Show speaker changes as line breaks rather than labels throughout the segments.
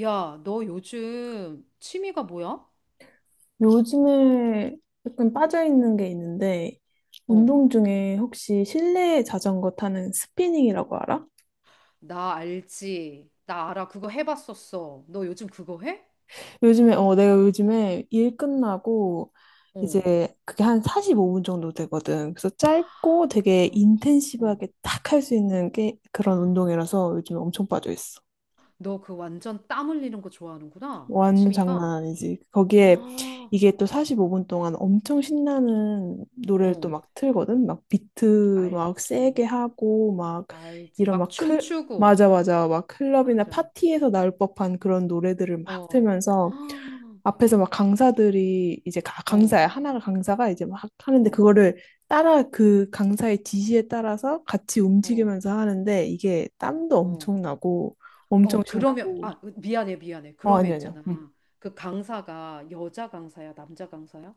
야, 너 요즘 취미가 뭐야?
요즘에 약간 빠져있는 게 있는데,
어.
운동 중에 혹시 실내 자전거 타는 스피닝이라고 알아?
나 알지. 나 알아. 그거 해봤었어. 너 요즘 그거 해?
요즘에, 내가 요즘에 일 끝나고,
어.
이제 그게 한 45분 정도 되거든. 그래서 짧고 되게
아, 어.
인텐시브하게 딱 할 수 있는 게 그런 운동이라서 요즘에 엄청 빠져있어.
너 그 완전 땀 흘리는 거 좋아하는구나.
완전 장난
취미가.
아니지. 거기에
아,
이게 또 45분 동안 엄청 신나는 노래를 또
어.
막 틀거든. 막 비트 막
알지.
세게 하고 막
알지.
이런
막
막 클,
춤추고.
맞아 맞아. 막 클럽이나
맞아.
파티에서 나올 법한 그런 노래들을 막
어.
틀면서
아,
앞에서 막 강사들이 이제
어.
강사야. 하나가 강사가 이제 막 하는데
어.
그거를 따라 그 강사의 지시에 따라서 같이
어.
움직이면서 하는데 이게 땀도
어.
엄청 나고 엄청
어. 그러면,
신나고
아, 미안해, 미안해.
어
그러면
아니 아니요.
있잖아. 그 강사가 여자 강사야, 남자 강사야?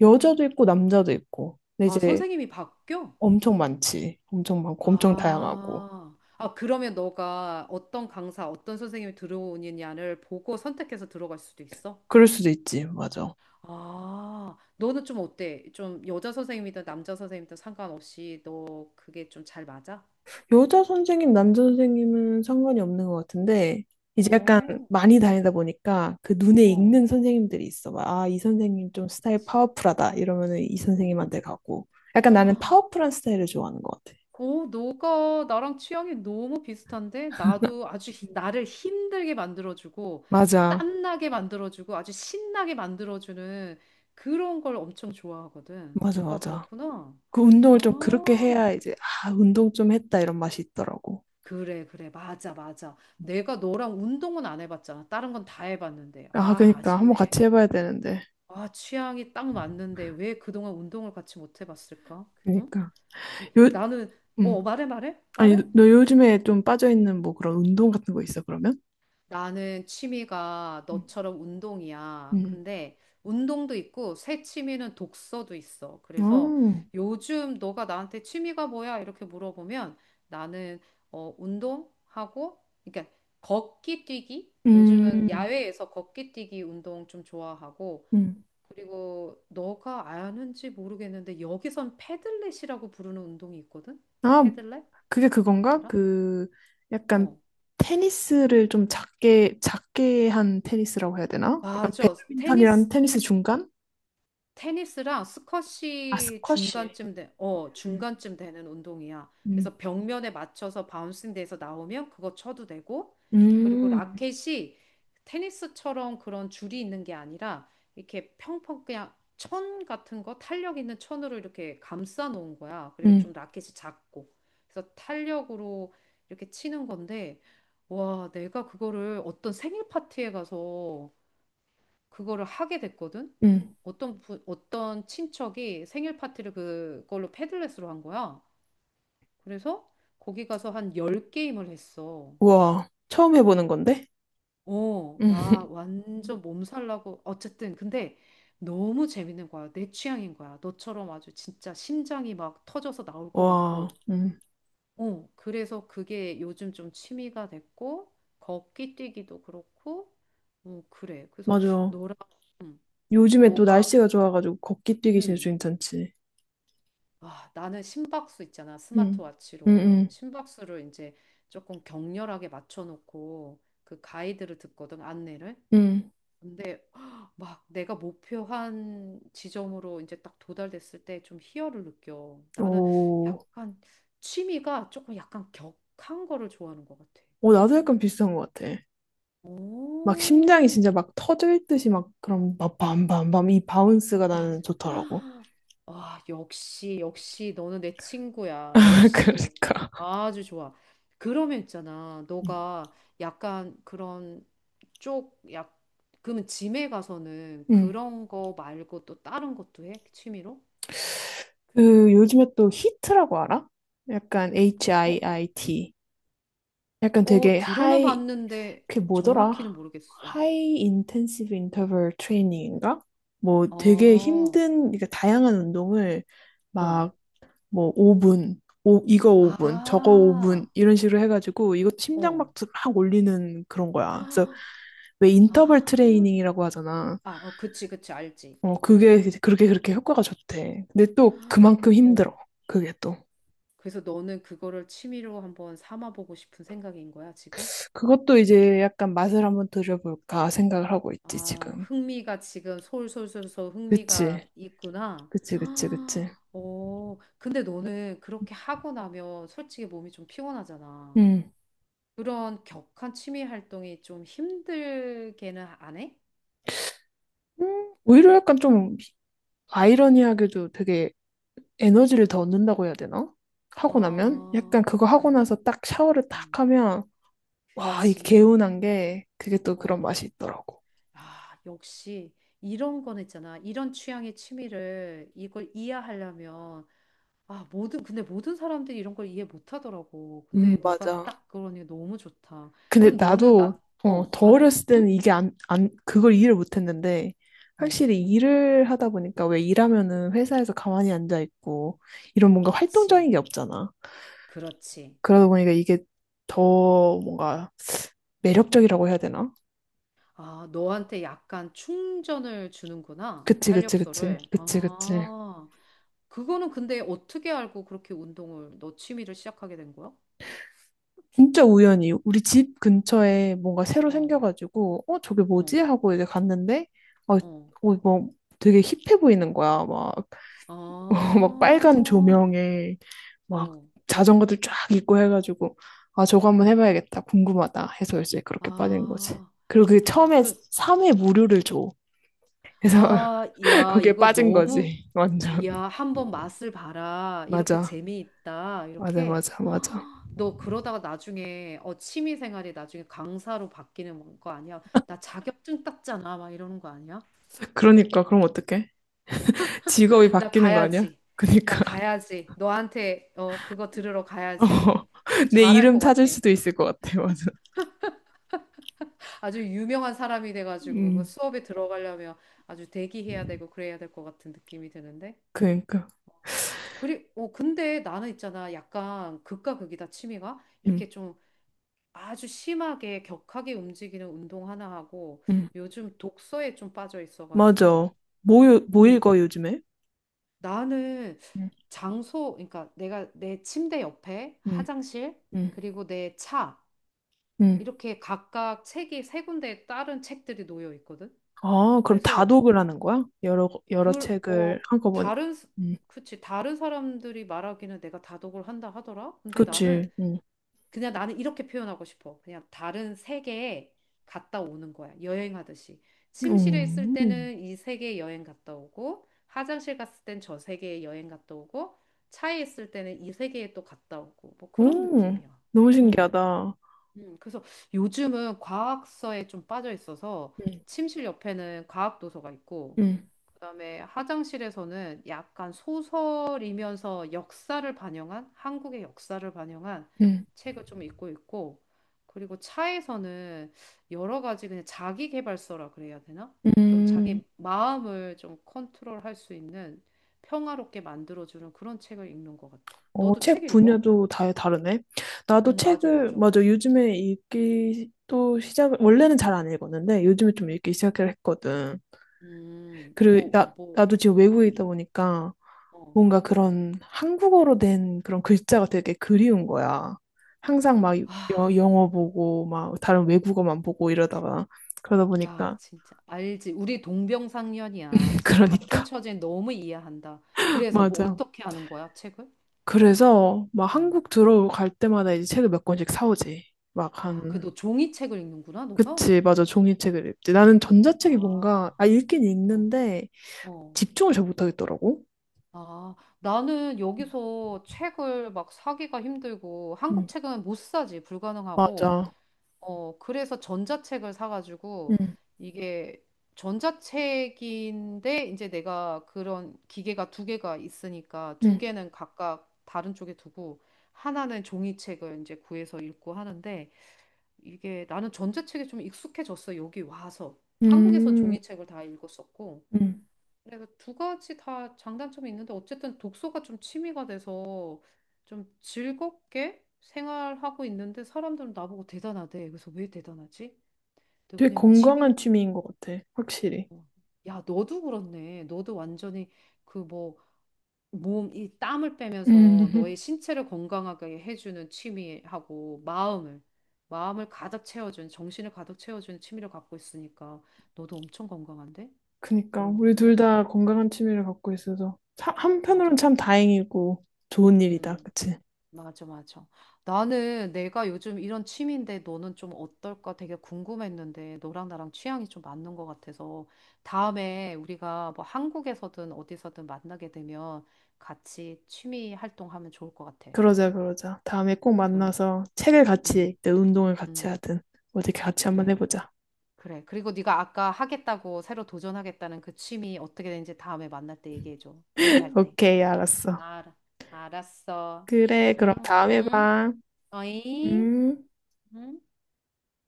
여자도 있고 남자도 있고. 근데
아,
이제
선생님이 바뀌어?
엄청 많지. 엄청 많고 엄청 다양하고.
아, 아, 그러면 너가 어떤 강사, 어떤 선생님이 들어오느냐를 보고 선택해서 들어갈 수도 있어?
그럴 수도 있지. 맞아.
아, 너는 좀 어때? 좀 여자 선생님이든 남자 선생님이든 상관없이 너 그게 좀 잘 맞아?
여자 선생님, 남자 선생님은 상관이 없는 것 같은데 이제 약간
어,
많이 다니다 보니까 그 눈에
어,
익는 선생님들이 있어. 막, 아, 이 선생님 좀 스타일
그치.
파워풀하다. 이러면은 이
어.
선생님한테 가고. 약간 나는 파워풀한 스타일을 좋아하는 것 같아.
오, 너가 나랑 취향이 너무 비슷한데? 나도 아주 나를 힘들게 만들어주고,
맞아.
땀나게 만들어주고, 아주 신나게 만들어주는 그런 걸 엄청 좋아하거든.
맞아,
너가
맞아.
그렇구나.
그 운동을 좀 그렇게
아,
해야 이제, 아, 운동 좀 했다 이런 맛이 있더라고.
그래, 그래. 맞아, 맞아. 내가 너랑 운동은 안 해봤잖아. 다른 건 다 해봤는데.
아,
아,
그니까. 한번
아쉽네.
같이 해봐야 되는데.
아, 취향이 딱 맞는데 왜 그동안 운동을 같이 못 해봤을까? 응?
그니까.
이-
요,
나는, 어,
음.
말해, 말해,
아니,
말해?
너 요즘에 좀 빠져있는 뭐 그런 운동 같은 거 있어, 그러면?
나는 취미가
음.
너처럼 운동이야.
음.
근데 운동도 있고 새 취미는 독서도 있어. 그래서
어,
요즘 너가 나한테 취미가 뭐야? 이렇게 물어보면 나는 어, 운동하고 그러니까 걷기 뛰기?
음,
요즘은 야외에서 걷기 뛰기 운동 좀 좋아하고
음.
그리고 너가 아는지 모르겠는데 여기선 패들렛이라고 부르는 운동이 있거든?
아,
패들렛?
그게 그건가?
알아?
그, 약간
어.
테니스를 좀 작게, 작게 한 테니스라고 해야 되나? 약간
맞아.
배드민턴이랑
테니스
테니스 중간?
테니스랑
아,
스쿼시
스쿼시.
중간쯤 돼, 어,
음,
중간쯤 되는 운동이야.
음,
그래서 벽면에 맞춰서 바운싱 돼서 나오면 그거 쳐도 되고, 그리고
음,
라켓이 테니스처럼 그런 줄이 있는 게 아니라 이렇게 평평 그냥 천 같은 거 탄력 있는 천으로 이렇게 감싸 놓은 거야. 그리고 좀
음.
라켓이 작고. 그래서 탄력으로 이렇게 치는 건데, 와, 내가 그거를 어떤 생일 파티에 가서 그거를 하게 됐거든.
음.
어떤 친척이 생일 파티를 그걸로 패들렛으로 한 거야. 그래서 거기 가서 한 열 게임을 했어.
우와, 처음 해보는 건데?
어,
음,
나 완전 몸살 나고 어쨌든 근데 너무 재밌는 거야. 내 취향인 거야. 너처럼 아주 진짜 심장이 막 터져서 나올 것
와,
같고. 어, 그래서 그게 요즘 좀 취미가 됐고 걷기 뛰기도 그렇고. 어, 그래. 그래서
맞아.
너랑 응,
요즘에 또
너가
날씨가 좋아가지고 걷기 뛰기 진짜
응.
괜찮지.
아, 나는 심박수 있잖아.
응, 응,
스마트워치로
응,
심박수를 이제 조금 격렬하게 맞춰놓고 그 가이드를 듣거든, 안내를.
응.
근데 막 내가 목표한 지점으로 이제 딱 도달됐을 때 좀 희열을 느껴. 나는
오,
약간 취미가 조금 약간 격한 거를 좋아하는 것 같아.
오, 나도 약간 비슷한 것 같아. 막 심장이
오.
진짜 막 터질 듯이 막 그런 막 밤밤밤 이 바운스가
와,
나는 좋더라고.
와, 역시, 역시, 너는 내 친구야. 역시.
그러니까.
아주 좋아. 그러면 있잖아.
음.
너가 약간 그런 쪽, 약, 그러면 짐에 가서는
응. 응.
그런 거 말고 또 다른 것도 해? 취미로?
그 요즘에 또 히트라고 알아? 약간
어,
HIIT. 약간
어,
되게
들어는
하이
봤는데
그게 뭐더라?
정확히는 모르겠어.
하이 인텐시브 인터벌 트레이닝인가? 뭐 되게
어,
힘든 그러니까 다양한 운동을
어.
막 뭐 5분, 오, 이거 5분, 저거 5분
아,
이런 식으로 해가지고 이것도
어.
심장박수 막 올리는 그런 거야. 그래서 왜 인터벌
아,
트레이닝이라고 하잖아.
아, 어, 그치, 그치, 알지.
그게 그렇게 효과가 좋대. 근데 또 그만큼
어.
힘들어. 그게 또.
그래서 너는 그거를 취미로 한번 삼아보고 싶은 생각인 거야, 지금?
그것도 이제 약간 맛을 한번 들여볼까 생각을 하고 있지,
아,
지금.
흥미가 지금 솔솔솔솔 흥미가
그치,
있구나.
그치, 그치, 그치.
아, 오, 근데 너는 그렇게 하고 나면 솔직히 몸이 좀 피곤하잖아.
음.
그런 격한 취미 활동이 좀 힘들게는 안 해?
오히려 약간 좀 아이러니하게도 되게 에너지를 더 얻는다고 해야 되나? 하고 나면? 약간
아,
그거
그,
하고 나서 딱 샤워를
음,
딱 하면, 와, 이
그치.
개운한 게 그게 또 그런
어,
맛이 있더라고.
아, 역시 이런 건 있잖아. 이런 취향의 취미를 이걸 이해하려면 근데 모든 사람들이 이런 걸 이해 못 하더라고. 근데 너가
맞아.
딱 그러니 너무 좋다.
근데
그럼 너는
나도
나, 어,
더
말해?
어렸을 때는
응?
이게 안, 안, 그걸 이해를 못했는데
어,
확실히 일을 하다 보니까 왜 일하면은 회사에서 가만히 앉아 있고 이런 뭔가
그치.
활동적인 게 없잖아.
그렇지.
그러다 보니까 이게 더 뭔가 매력적이라고 해야 되나?
아, 너한테 약간 충전을 주는구나.
그치, 그치, 그치.
활력소를.
그치, 그치.
아, 그거는 근데 어떻게 알고 그렇게 운동을, 너 취미를 시작하게 된 거야?
진짜 우연히 우리 집 근처에 뭔가 새로
어,
생겨가지고, 어, 저게 뭐지?
어,
하고 이제 갔는데,
어.
뭐 되게 힙해 보이는 거야. 막,
아,
막 빨간 조명에 막
어,
자전거들 쫙 있고 해가지고, 아, 저거 한번 해봐야겠다. 궁금하다. 해서 이제 그렇게 빠진 거지.
아,
그리고 그게
아,
처음에
그,
3회 무료를 줘. 그래서
아, 야,
거기에
이거
빠진
너무,
거지. 완전.
이야, 한번 맛을 봐라. 이렇게
맞아.
재미있다.
맞아,
이렇게.
맞아, 맞아.
헉, 너 그러다가 나중에 어, 취미 생활이 나중에 강사로 바뀌는 거 아니야? 나 자격증 땄잖아. 막 이러는 거 아니야?
그러니까, 그럼 어떡해? 직업이
나
바뀌는 거 아니야?
가야지. 나
그니까.
가야지. 너한테 어, 그거 들으러 가야지.
어, 내
잘할
이름
것
찾을
같아.
수도 있을 것 같아, 맞아.
아주 유명한 사람이 돼가지고 그
음,
수업에 들어가려면 아주 대기해야 되고 그래야 될 것 같은 느낌이 드는데.
그니까.
그리, 어, 근데 나는 있잖아. 약간 극과 극이다, 취미가.
음,
이렇게 좀 아주 심하게 격하게 움직이는 운동 하나 하고
음.
요즘 독서에 좀 빠져 있어가지고
맞아. 뭐, 뭐
음,
읽어, 요즘에?
나는
음,
장소 그러니까 내가 내 침대 옆에
음,
화장실
음,
그리고 내 차
음.
이렇게 각각 책이 세 군데에 다른 책들이 놓여 있거든.
아, 그럼
그래서
다독을 하는 거야? 여러, 여러
그
책을
어
한꺼번에.
다른 스-
음,
그치 다른 사람들이 말하기는 내가 다독을 한다 하더라. 근데 나는
그치.
그냥 나는 이렇게 표현하고 싶어. 그냥 다른 세계에 갔다 오는 거야. 여행하듯이. 침실에 있을
음,
때는 이 세계에 여행 갔다 오고, 화장실 갔을 땐 저 세계에 여행 갔다 오고, 차에 있을 때는 이 세계에 또 갔다 오고, 뭐 그런
음.
느낌이야.
너무
음,
신기하다.
그래서 요즘은 과학서에 좀 빠져 있어서
음,
침실 옆에는 과학 도서가 있고,
음,
그다음에 화장실에서는 약간 소설이면서 역사를 반영한 한국의 역사를 반영한
음,
책을 좀 읽고 있고 그리고 차에서는 여러 가지 그냥 자기 개발서라 그래야 되나? 좀
음.
자기 마음을 좀 컨트롤할 수 있는 평화롭게 만들어주는 그런 책을 읽는 것 같아.
어,
너도 책
책
읽어?
분야도 다 다르네. 나도
맞아,
책을,
맞아.
맞아. 요즘에 읽기 또 시작을, 원래는 잘 안 읽었는데, 요즘에 좀 읽기 시작을 했거든. 그리고
뭐, 뭐,
나도 지금 외국에 있다
음,
보니까,
어.
뭔가 그런 한국어로 된 그런 글자가 되게 그리운 거야. 항상 막
아,
영어 보고 막 다른 외국어만 보고 이러다가 그러다
야,
보니까
진짜 알지. 우리 동병상련이야. 진짜 같은
그러니까
처지에 너무 이해한다. 그래서 뭐
맞아.
어떻게 하는 거야, 책을?
그래서 막
어.
한국 들어갈 때마다 이제 책을 몇 권씩 사오지. 막
아, 그
한
너 종이책을 읽는구나, 너가?
그치, 맞아. 종이책을 읽지. 나는 전자책이 뭔가,
아,
아, 읽긴
어,
읽는데
어.
집중을 잘 못하겠더라고.
아, 나는 여기서 책을 막 사기가 힘들고 한국
응
책은 못 사지, 불가능하고
맞아.
어, 그래서 전자책을 사가지고
응
이게 전자책인데 이제 내가 그런 기계가 두 개가 있으니까 두
응
개는 각각 다른 쪽에 두고 하나는 종이책을 이제 구해서 읽고 하는데 이게 나는 전자책에 좀 익숙해졌어. 여기 와서. 한국에선
음,
종이책을 다 읽었었고
응
내가 두 가지 다 장단점이 있는데 어쨌든 독서가 좀 취미가 돼서 좀 즐겁게 생활하고 있는데 사람들은 나보고 대단하대. 그래서 왜 대단하지? 내가
되게
그냥 취미.
건강한 취미인 것 같아. 확실히.
야, 너도 그렇네. 너도 완전히 그 뭐 몸, 이 땀을
음,
빼면서 너의 신체를 건강하게 해주는 취미하고 마음을 가득 채워주는 정신을 가득 채워주는 취미를 갖고 있으니까 너도 엄청 건강한데?
그니까.
그런
우리 둘
부분에?
다 건강한 취미를 갖고 있어서. 참-
맞아.
한편으로는
맞아.
참 다행이고 좋은 일이다.
음.
그치?
맞아, 맞아. 나는 내가 요즘 이런 취미인데 너는 좀 어떨까 되게 궁금했는데 너랑 나랑 취향이 좀 맞는 것 같아서 다음에 우리가 뭐 한국에서든 어디서든 만나게 되면 같이 취미 활동하면 좋을 것 같아.
그러자, 그러자. 다음에 꼭
그럼,
만나서 책을 같이
음,
읽든 운동을 같이
음,
하든 어떻게 같이 한번
그래,
해보자.
그래. 그리고 네가 아까 하겠다고 새로 도전하겠다는 그 취미 어떻게 되는지 다음에 만날 때 얘기해줘. 얘기할 때.
오케이, 알았어.
알아, 알았어.
그래, 그럼
안녕.
다음에
응?
봐.
어이?
음.
응?